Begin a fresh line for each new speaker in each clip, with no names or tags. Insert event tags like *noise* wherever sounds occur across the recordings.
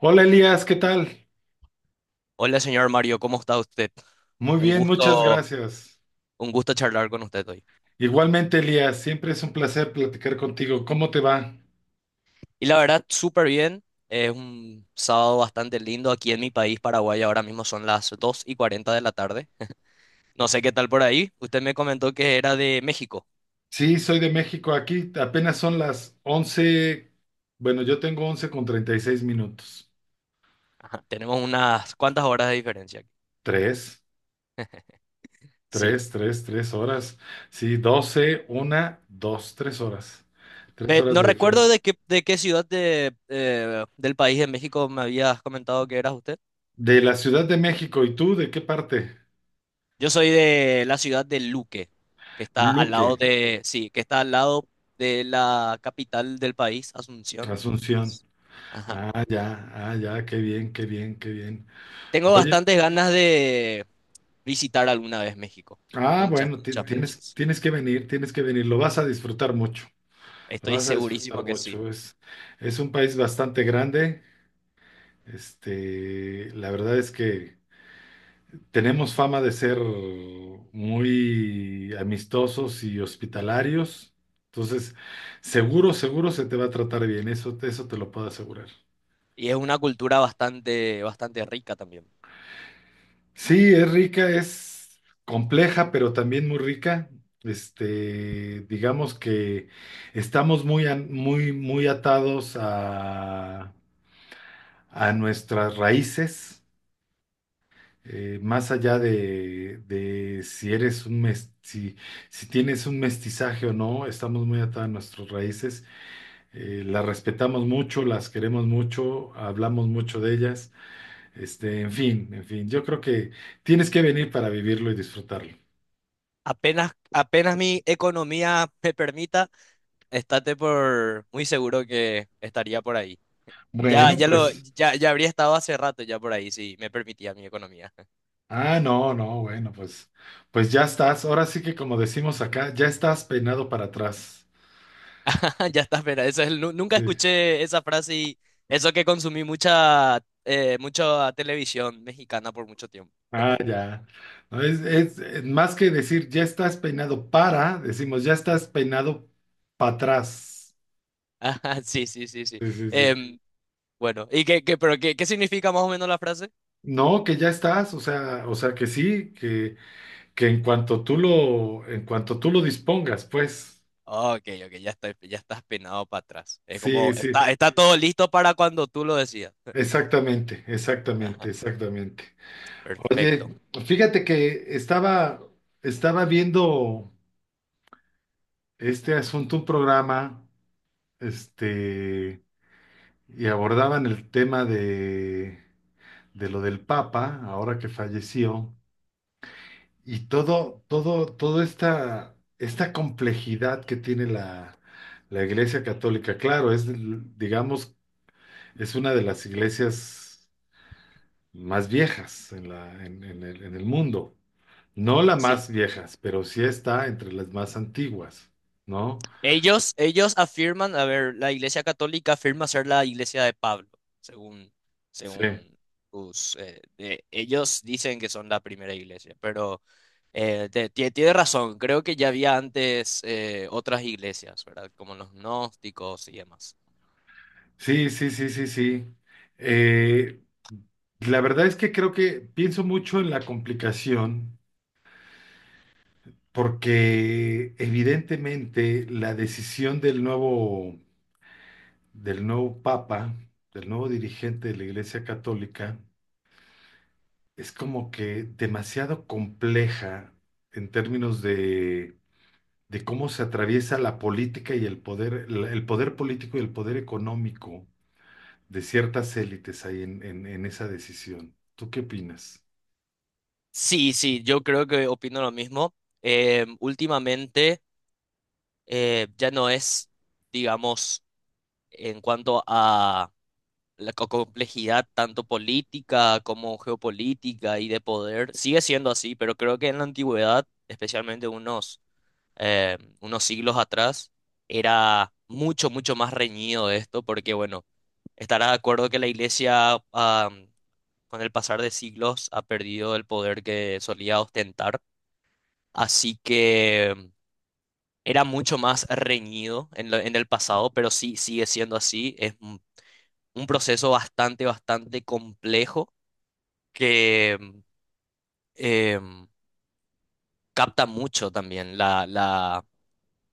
Hola Elías, ¿qué tal?
Hola, señor Mario, ¿cómo está usted?
Muy
Un
bien, muchas
gusto.
gracias.
Un gusto charlar con usted hoy.
Igualmente Elías, siempre es un placer platicar contigo. ¿Cómo te va?
Y la verdad, súper bien. Es un sábado bastante lindo aquí en mi país, Paraguay. Ahora mismo son las 2:40 de la tarde. No sé qué tal por ahí. Usted me comentó que era de México.
Sí, soy de México. Aquí apenas son las 11. Bueno, yo tengo 11 con 36 minutos.
Ajá, tenemos unas cuantas horas de diferencia aquí.
Tres,
Sí.
tres, tres, tres horas. Sí, 12, una, dos, tres horas. Tres
Ve,
horas
no
de
recuerdo
diferencia.
de qué ciudad del país de México me habías comentado que eras usted.
De la Ciudad de México, ¿y tú de qué parte?
Yo soy de la ciudad de Luque, que está al lado
Luque,
de, sí, que está al lado de la capital del país, Asunción.
Asunción.
Ajá.
Ah, ya, ah, ya, qué bien, qué bien, qué bien.
Tengo
Oye,
bastantes ganas de visitar alguna vez México.
ah,
Muchas,
bueno,
muchas,
tienes,
muchas.
tienes que venir, lo vas a disfrutar mucho, lo
Estoy
vas a disfrutar
segurísimo que sí.
mucho. Es un país bastante grande, la verdad es que tenemos fama de ser muy amistosos y hospitalarios, entonces seguro, seguro se te va a tratar bien, eso te lo puedo asegurar.
Y es una cultura bastante, bastante rica también.
Sí, es rica, es compleja, pero también muy rica. Digamos que estamos muy, muy, muy atados a nuestras raíces, más allá de si eres si, si tienes un mestizaje o no, estamos muy atados a nuestras raíces, las respetamos mucho, las queremos mucho, hablamos mucho de ellas, en fin, yo creo que tienes que venir para vivirlo y disfrutarlo.
Apenas, apenas mi economía me permita, estate por muy seguro que estaría por ahí. Ya,
Bueno,
ya lo,
pues,
ya, ya habría estado hace rato ya por ahí, si me permitía mi economía.
ah, no, no, bueno, pues, pues ya estás. Ahora sí que como decimos acá, ya estás peinado para atrás.
*laughs* Ya está, espera, eso es, nunca
Sí.
escuché esa frase y eso que consumí mucha televisión mexicana por mucho tiempo.
Ah, ya. No, es más que decir ya estás peinado para, decimos ya estás peinado para atrás.
*laughs* Ajá, sí, sí, sí, sí.
Sí, sí, sí.
Em, bueno, ¿y pero qué significa más o menos la frase?
No, que ya estás, o sea que sí, que, en cuanto tú lo dispongas, pues.
Ah, ok, ok, ya está, ya estás penado para atrás. Es
Sí,
como,
sí.
está todo listo para cuando tú lo decidas. *laughs*
Exactamente, exactamente,
Ajá,
exactamente.
perfecto.
Oye, fíjate que estaba viendo este asunto, un programa, este, y abordaban el tema de lo del Papa, ahora que falleció, y toda esta complejidad que tiene la Iglesia Católica. Claro, es, digamos, es una de las iglesias más viejas en la, en el mundo. No las
Sí.
más viejas, pero sí está entre las más antiguas, ¿no?
Ellos afirman, a ver, la Iglesia Católica afirma ser la Iglesia de Pablo, según,
Sí,
según ellos dicen que son la primera iglesia, pero tiene razón, creo que ya había antes otras iglesias, ¿verdad? Como los gnósticos y demás.
sí. Eh, la verdad es que creo que pienso mucho en la complicación porque evidentemente la decisión del nuevo papa, del nuevo dirigente de la Iglesia Católica, es como que demasiado compleja en términos de cómo se atraviesa la política y el poder, el poder político y el poder económico de ciertas élites ahí en esa decisión. ¿Tú qué opinas?
Sí, sí, yo creo que opino lo mismo. Últimamente ya no es, digamos, en cuanto a la complejidad tanto política como geopolítica y de poder sigue siendo así, pero creo que en la antigüedad, especialmente unos siglos atrás, era mucho, mucho más reñido esto, porque bueno, estará de acuerdo que la iglesia, con el pasar de siglos ha perdido el poder que solía ostentar, así que, era mucho más reñido en el pasado, pero sí sigue siendo así. Es un proceso bastante, bastante complejo que eh, capta mucho también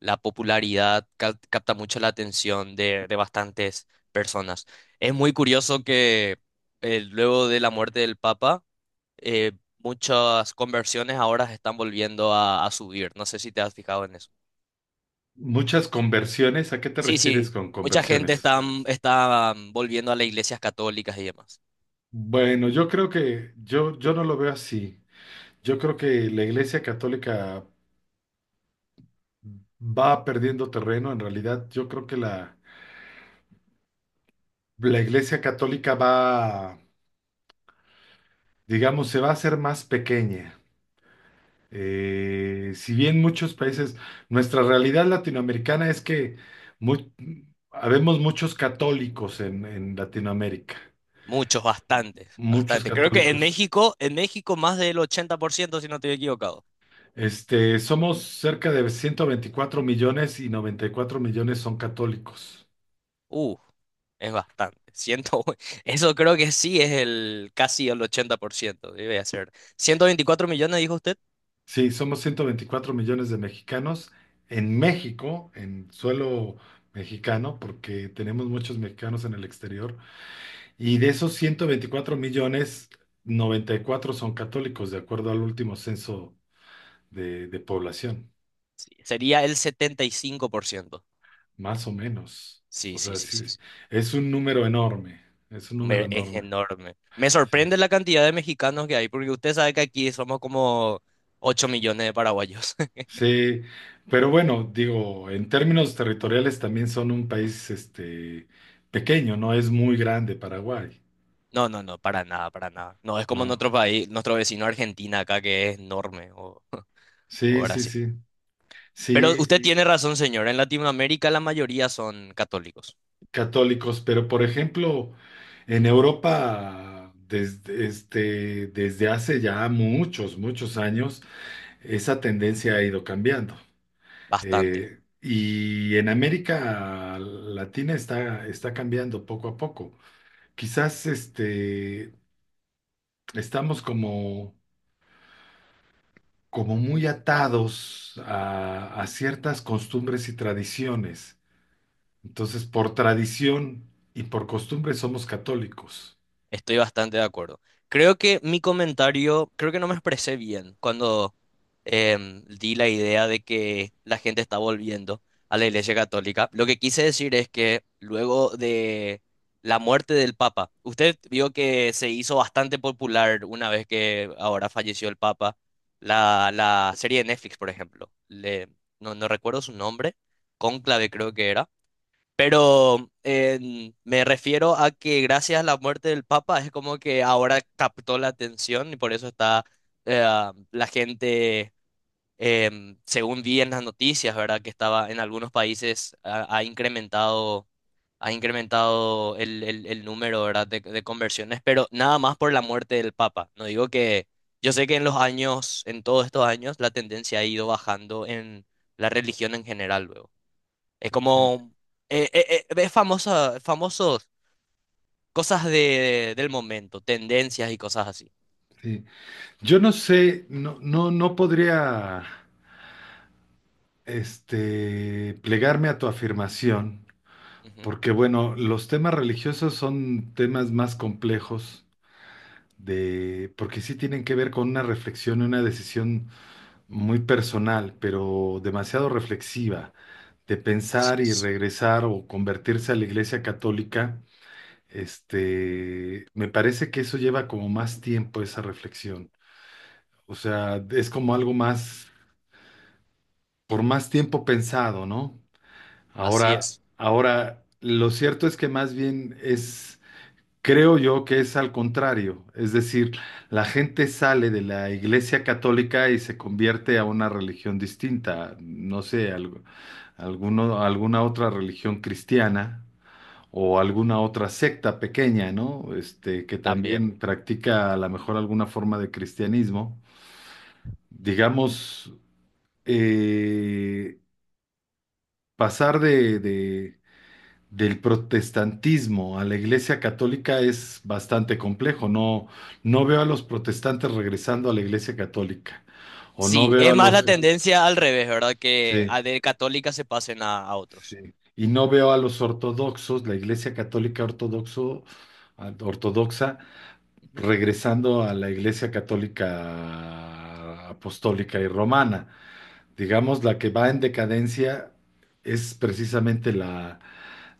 la popularidad, capta mucho la atención de bastantes personas. Es muy curioso que luego de la muerte del Papa, eh, muchas conversiones ahora están volviendo a subir. No sé si te has fijado en eso.
Muchas conversiones, ¿a qué te
Sí,
refieres
sí.
con
Mucha gente
conversiones?
está volviendo a las iglesias católicas y demás.
Bueno, yo creo que yo no lo veo así. Yo creo que la Iglesia Católica va perdiendo terreno. En realidad, yo creo que la Iglesia Católica va, digamos, se va a hacer más pequeña. Si bien muchos países, nuestra realidad latinoamericana es que mu- habemos muchos católicos en Latinoamérica,
Muchos, bastantes,
muchos
bastante. Creo que en
católicos.
México, en México más del 80% si no estoy equivocado.
Este, somos cerca de 124 millones y 94 millones son católicos.
Uh. Es bastante. *laughs* Ciento- uno. Eso creo que sí es el casi el 80% debe ser. 124 millones, dijo usted.
Sí, somos 124 millones de mexicanos en México, en suelo mexicano, porque tenemos muchos mexicanos en el exterior. Y de esos 124 millones, 94 son católicos, de acuerdo al último censo de población,
Sí, sería el 75%.
más o menos.
Sí,
O
sí,
sea,
sí,
sí,
sí, sí.
es un número enorme, es un número
Es
enorme.
enorme. Me sorprende la cantidad de mexicanos que hay, porque usted sabe que aquí somos como 8 millones de paraguayos. *laughs*
Sí, pero bueno, digo, en términos territoriales también son un país este, pequeño, no es muy grande Paraguay,
No, no, no, para nada, para nada. No, es como en
¿no?
otro país, nuestro vecino Argentina acá, que es enorme, o
Sí, sí,
Brasil.
sí.
Pero
Sí,
usted, sí, tiene razón, señor. En Latinoamérica la mayoría son católicos.
católicos, pero por ejemplo, en Europa, desde, este, desde hace ya muchos, muchos años, esa tendencia ha ido cambiando.
Bastante.
Y en América Latina está, está cambiando poco a poco. Quizás este, estamos como, como muy atados a ciertas costumbres y tradiciones. Entonces, por tradición y por costumbre somos católicos.
Estoy bastante de acuerdo. Creo que mi comentario, creo que no me expresé bien cuando di la idea de que la gente está volviendo a la Iglesia Católica. Lo que quise decir es que luego de la muerte del Papa, usted vio que se hizo bastante popular una vez que ahora falleció el Papa, la serie de Netflix, por ejemplo. No, no recuerdo su nombre, Cónclave creo que era, pero me refiero a que gracias a la muerte del Papa es como que ahora captó la atención y por eso está eh, la gente, según vi en las noticias, ¿verdad? Que estaba en algunos países ha incrementado el número, ¿verdad? De conversiones, pero nada más por la muerte del Papa. No digo que yo sé que en todos estos años, la tendencia ha ido bajando en la religión en general, luego. Es
Sí,
como, es famosos cosas del momento, tendencias y cosas así.
sí. Yo no sé, no podría, este, plegarme a tu afirmación,
Ujú.
porque bueno, los temas religiosos son temas más complejos de, porque sí tienen que ver con una reflexión y una decisión muy personal, pero demasiado reflexiva, de
Así
pensar y
es.
regresar o convertirse a la Iglesia Católica. Este, me parece que eso lleva como más tiempo esa reflexión. O sea, es como algo más por más tiempo pensado, ¿no?
Así
Ahora,
es,
ahora, lo cierto es que más bien es, creo yo que es al contrario, es decir, la gente sale de la Iglesia Católica y se convierte a una religión distinta, no sé, alguna otra religión cristiana o alguna otra secta pequeña, ¿no? Este, que
también.
también practica a lo mejor alguna forma de cristianismo.
Ujú.
Digamos, eh, pasar del protestantismo a la Iglesia Católica es bastante complejo. No, no veo a los protestantes regresando a la Iglesia Católica. O no
Sí,
veo
es
a
más la
los...
tendencia al revés, ¿verdad? Que
Sí,
a de católica se pasen a
sí.
otros.
Y no veo a los ortodoxos, la Iglesia Católica ortodoxo, ortodoxa,
Ujú.
regresando a la Iglesia Católica apostólica y romana. Digamos, la que va en decadencia es precisamente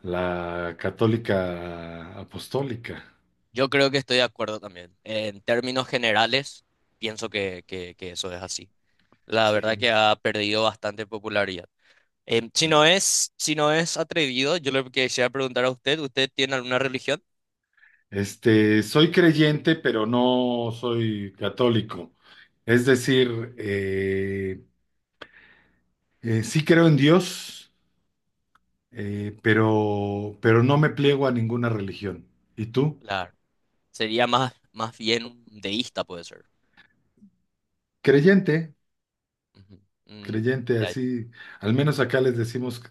la católica apostólica.
Yo creo que estoy de acuerdo también. En términos generales, pienso que eso es así. La verdad que
Sí.
ha perdido bastante popularidad. Em, si
Sí.
no es, si no es atrevido, yo le quisiera preguntar a usted, ¿usted tiene alguna religión?
Este, soy creyente, pero no soy católico. Es decir, sí creo en Dios, pero no me pliego a ninguna religión. ¿Y tú?
Claro. Sería más bien un deísta, puede ser.
Creyente,
Ujú. Mm,
creyente,
ya, ya.
así, al menos acá les decimos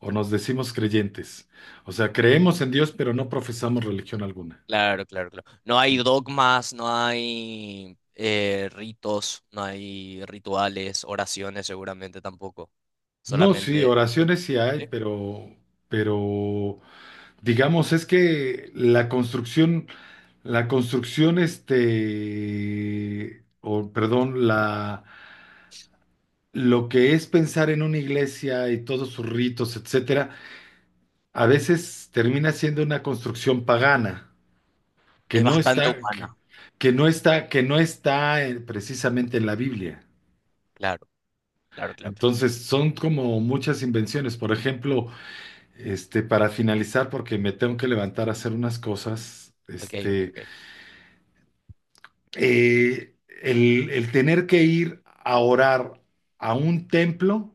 o nos decimos creyentes. O sea, creemos en Dios, pero no profesamos religión alguna.
Claro, claro, claro. No hay
Sí.
dogmas, no hay ritos, no hay rituales, oraciones seguramente tampoco.
No, sí,
Solamente.
oraciones sí hay,
¿Sí?
pero digamos, es que la construcción, este, o perdón, la, lo que es pensar en una iglesia y todos sus ritos, etcétera, a veces termina siendo una construcción pagana que
Es
no
bastante
está, que,
humana.
que no está precisamente en la Biblia.
Claro, claro, claro, claro.
Entonces, son como muchas invenciones. Por ejemplo, este, para finalizar, porque me tengo que levantar a hacer unas cosas,
Ok, ok,
este.
ok.
Eh, el tener que ir a orar a un templo,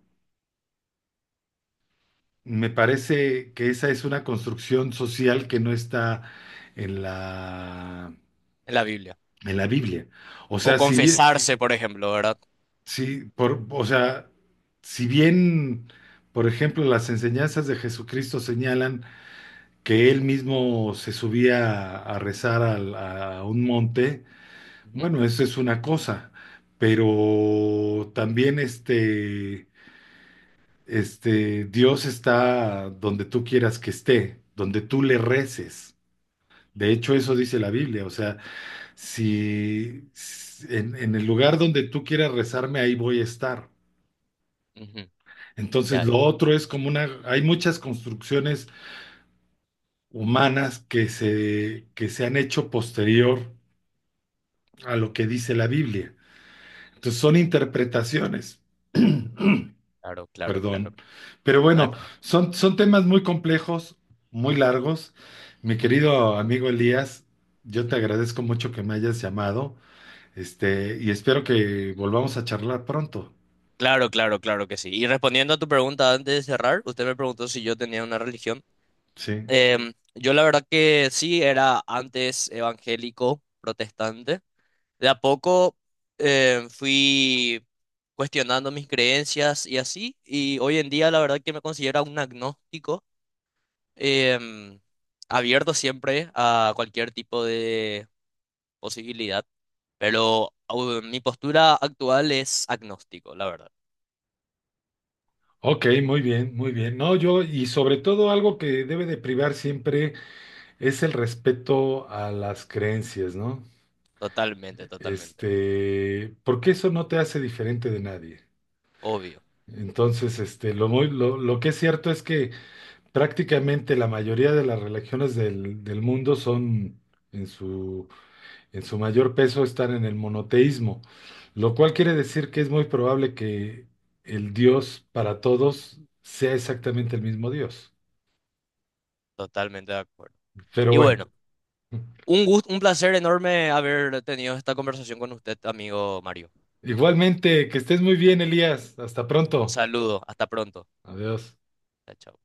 me parece que esa es una construcción social que no está en
En la Biblia.
en la Biblia. O
O
sea, si bien,
confesarse, por ejemplo, ¿verdad?
o sea, si bien, por ejemplo, las enseñanzas de Jesucristo señalan que él mismo se subía a rezar un monte,
Ujú,
bueno, eso es una cosa, pero también este este, Dios está donde tú quieras que esté, donde tú le reces. De hecho, eso dice la Biblia. O sea, en el lugar donde tú quieras rezarme, ahí voy a estar.
ujú.
Entonces,
Ya,
lo otro es como una, hay muchas construcciones humanas que que se han hecho posterior a lo que dice la Biblia. Entonces, son interpretaciones.
claro,
*clears throat*
claro, claro.
Perdón. Pero
No hay
bueno,
problema.
son, son temas muy complejos, muy largos. Mi
Ujú,
querido amigo Elías, yo te
ujú.
agradezco mucho que me hayas llamado, este, y espero que volvamos a charlar pronto.
Claro, claro, claro que sí. Y respondiendo a tu pregunta antes de cerrar, usted me preguntó si yo tenía una religión.
Sí.
Yo la verdad que sí, era antes evangélico, protestante. De a poco fui cuestionando mis creencias y así, y hoy en día la verdad que me considero un agnóstico, em, abierto siempre a cualquier tipo de posibilidad, pero mi postura actual es agnóstico, la verdad.
Ok, muy bien, muy bien. No, yo, y sobre todo algo que debe de privar siempre es el respeto a las creencias, ¿no?
Totalmente, totalmente.
Este, porque eso no te hace diferente de nadie.
Obvio,
Entonces, este, lo que es cierto es que prácticamente la mayoría de las religiones del mundo son, en su, en su mayor peso, están en el monoteísmo, lo cual quiere decir que es muy probable que el Dios para todos sea exactamente el mismo Dios.
totalmente de acuerdo.
Pero
Y
bueno,
bueno.
*laughs*
Un gusto, un placer enorme haber tenido esta conversación con usted, amigo Mario.
igualmente, que estés muy bien, Elías. Hasta
Un
pronto.
saludo, hasta pronto.
Adiós.
Chao, chao.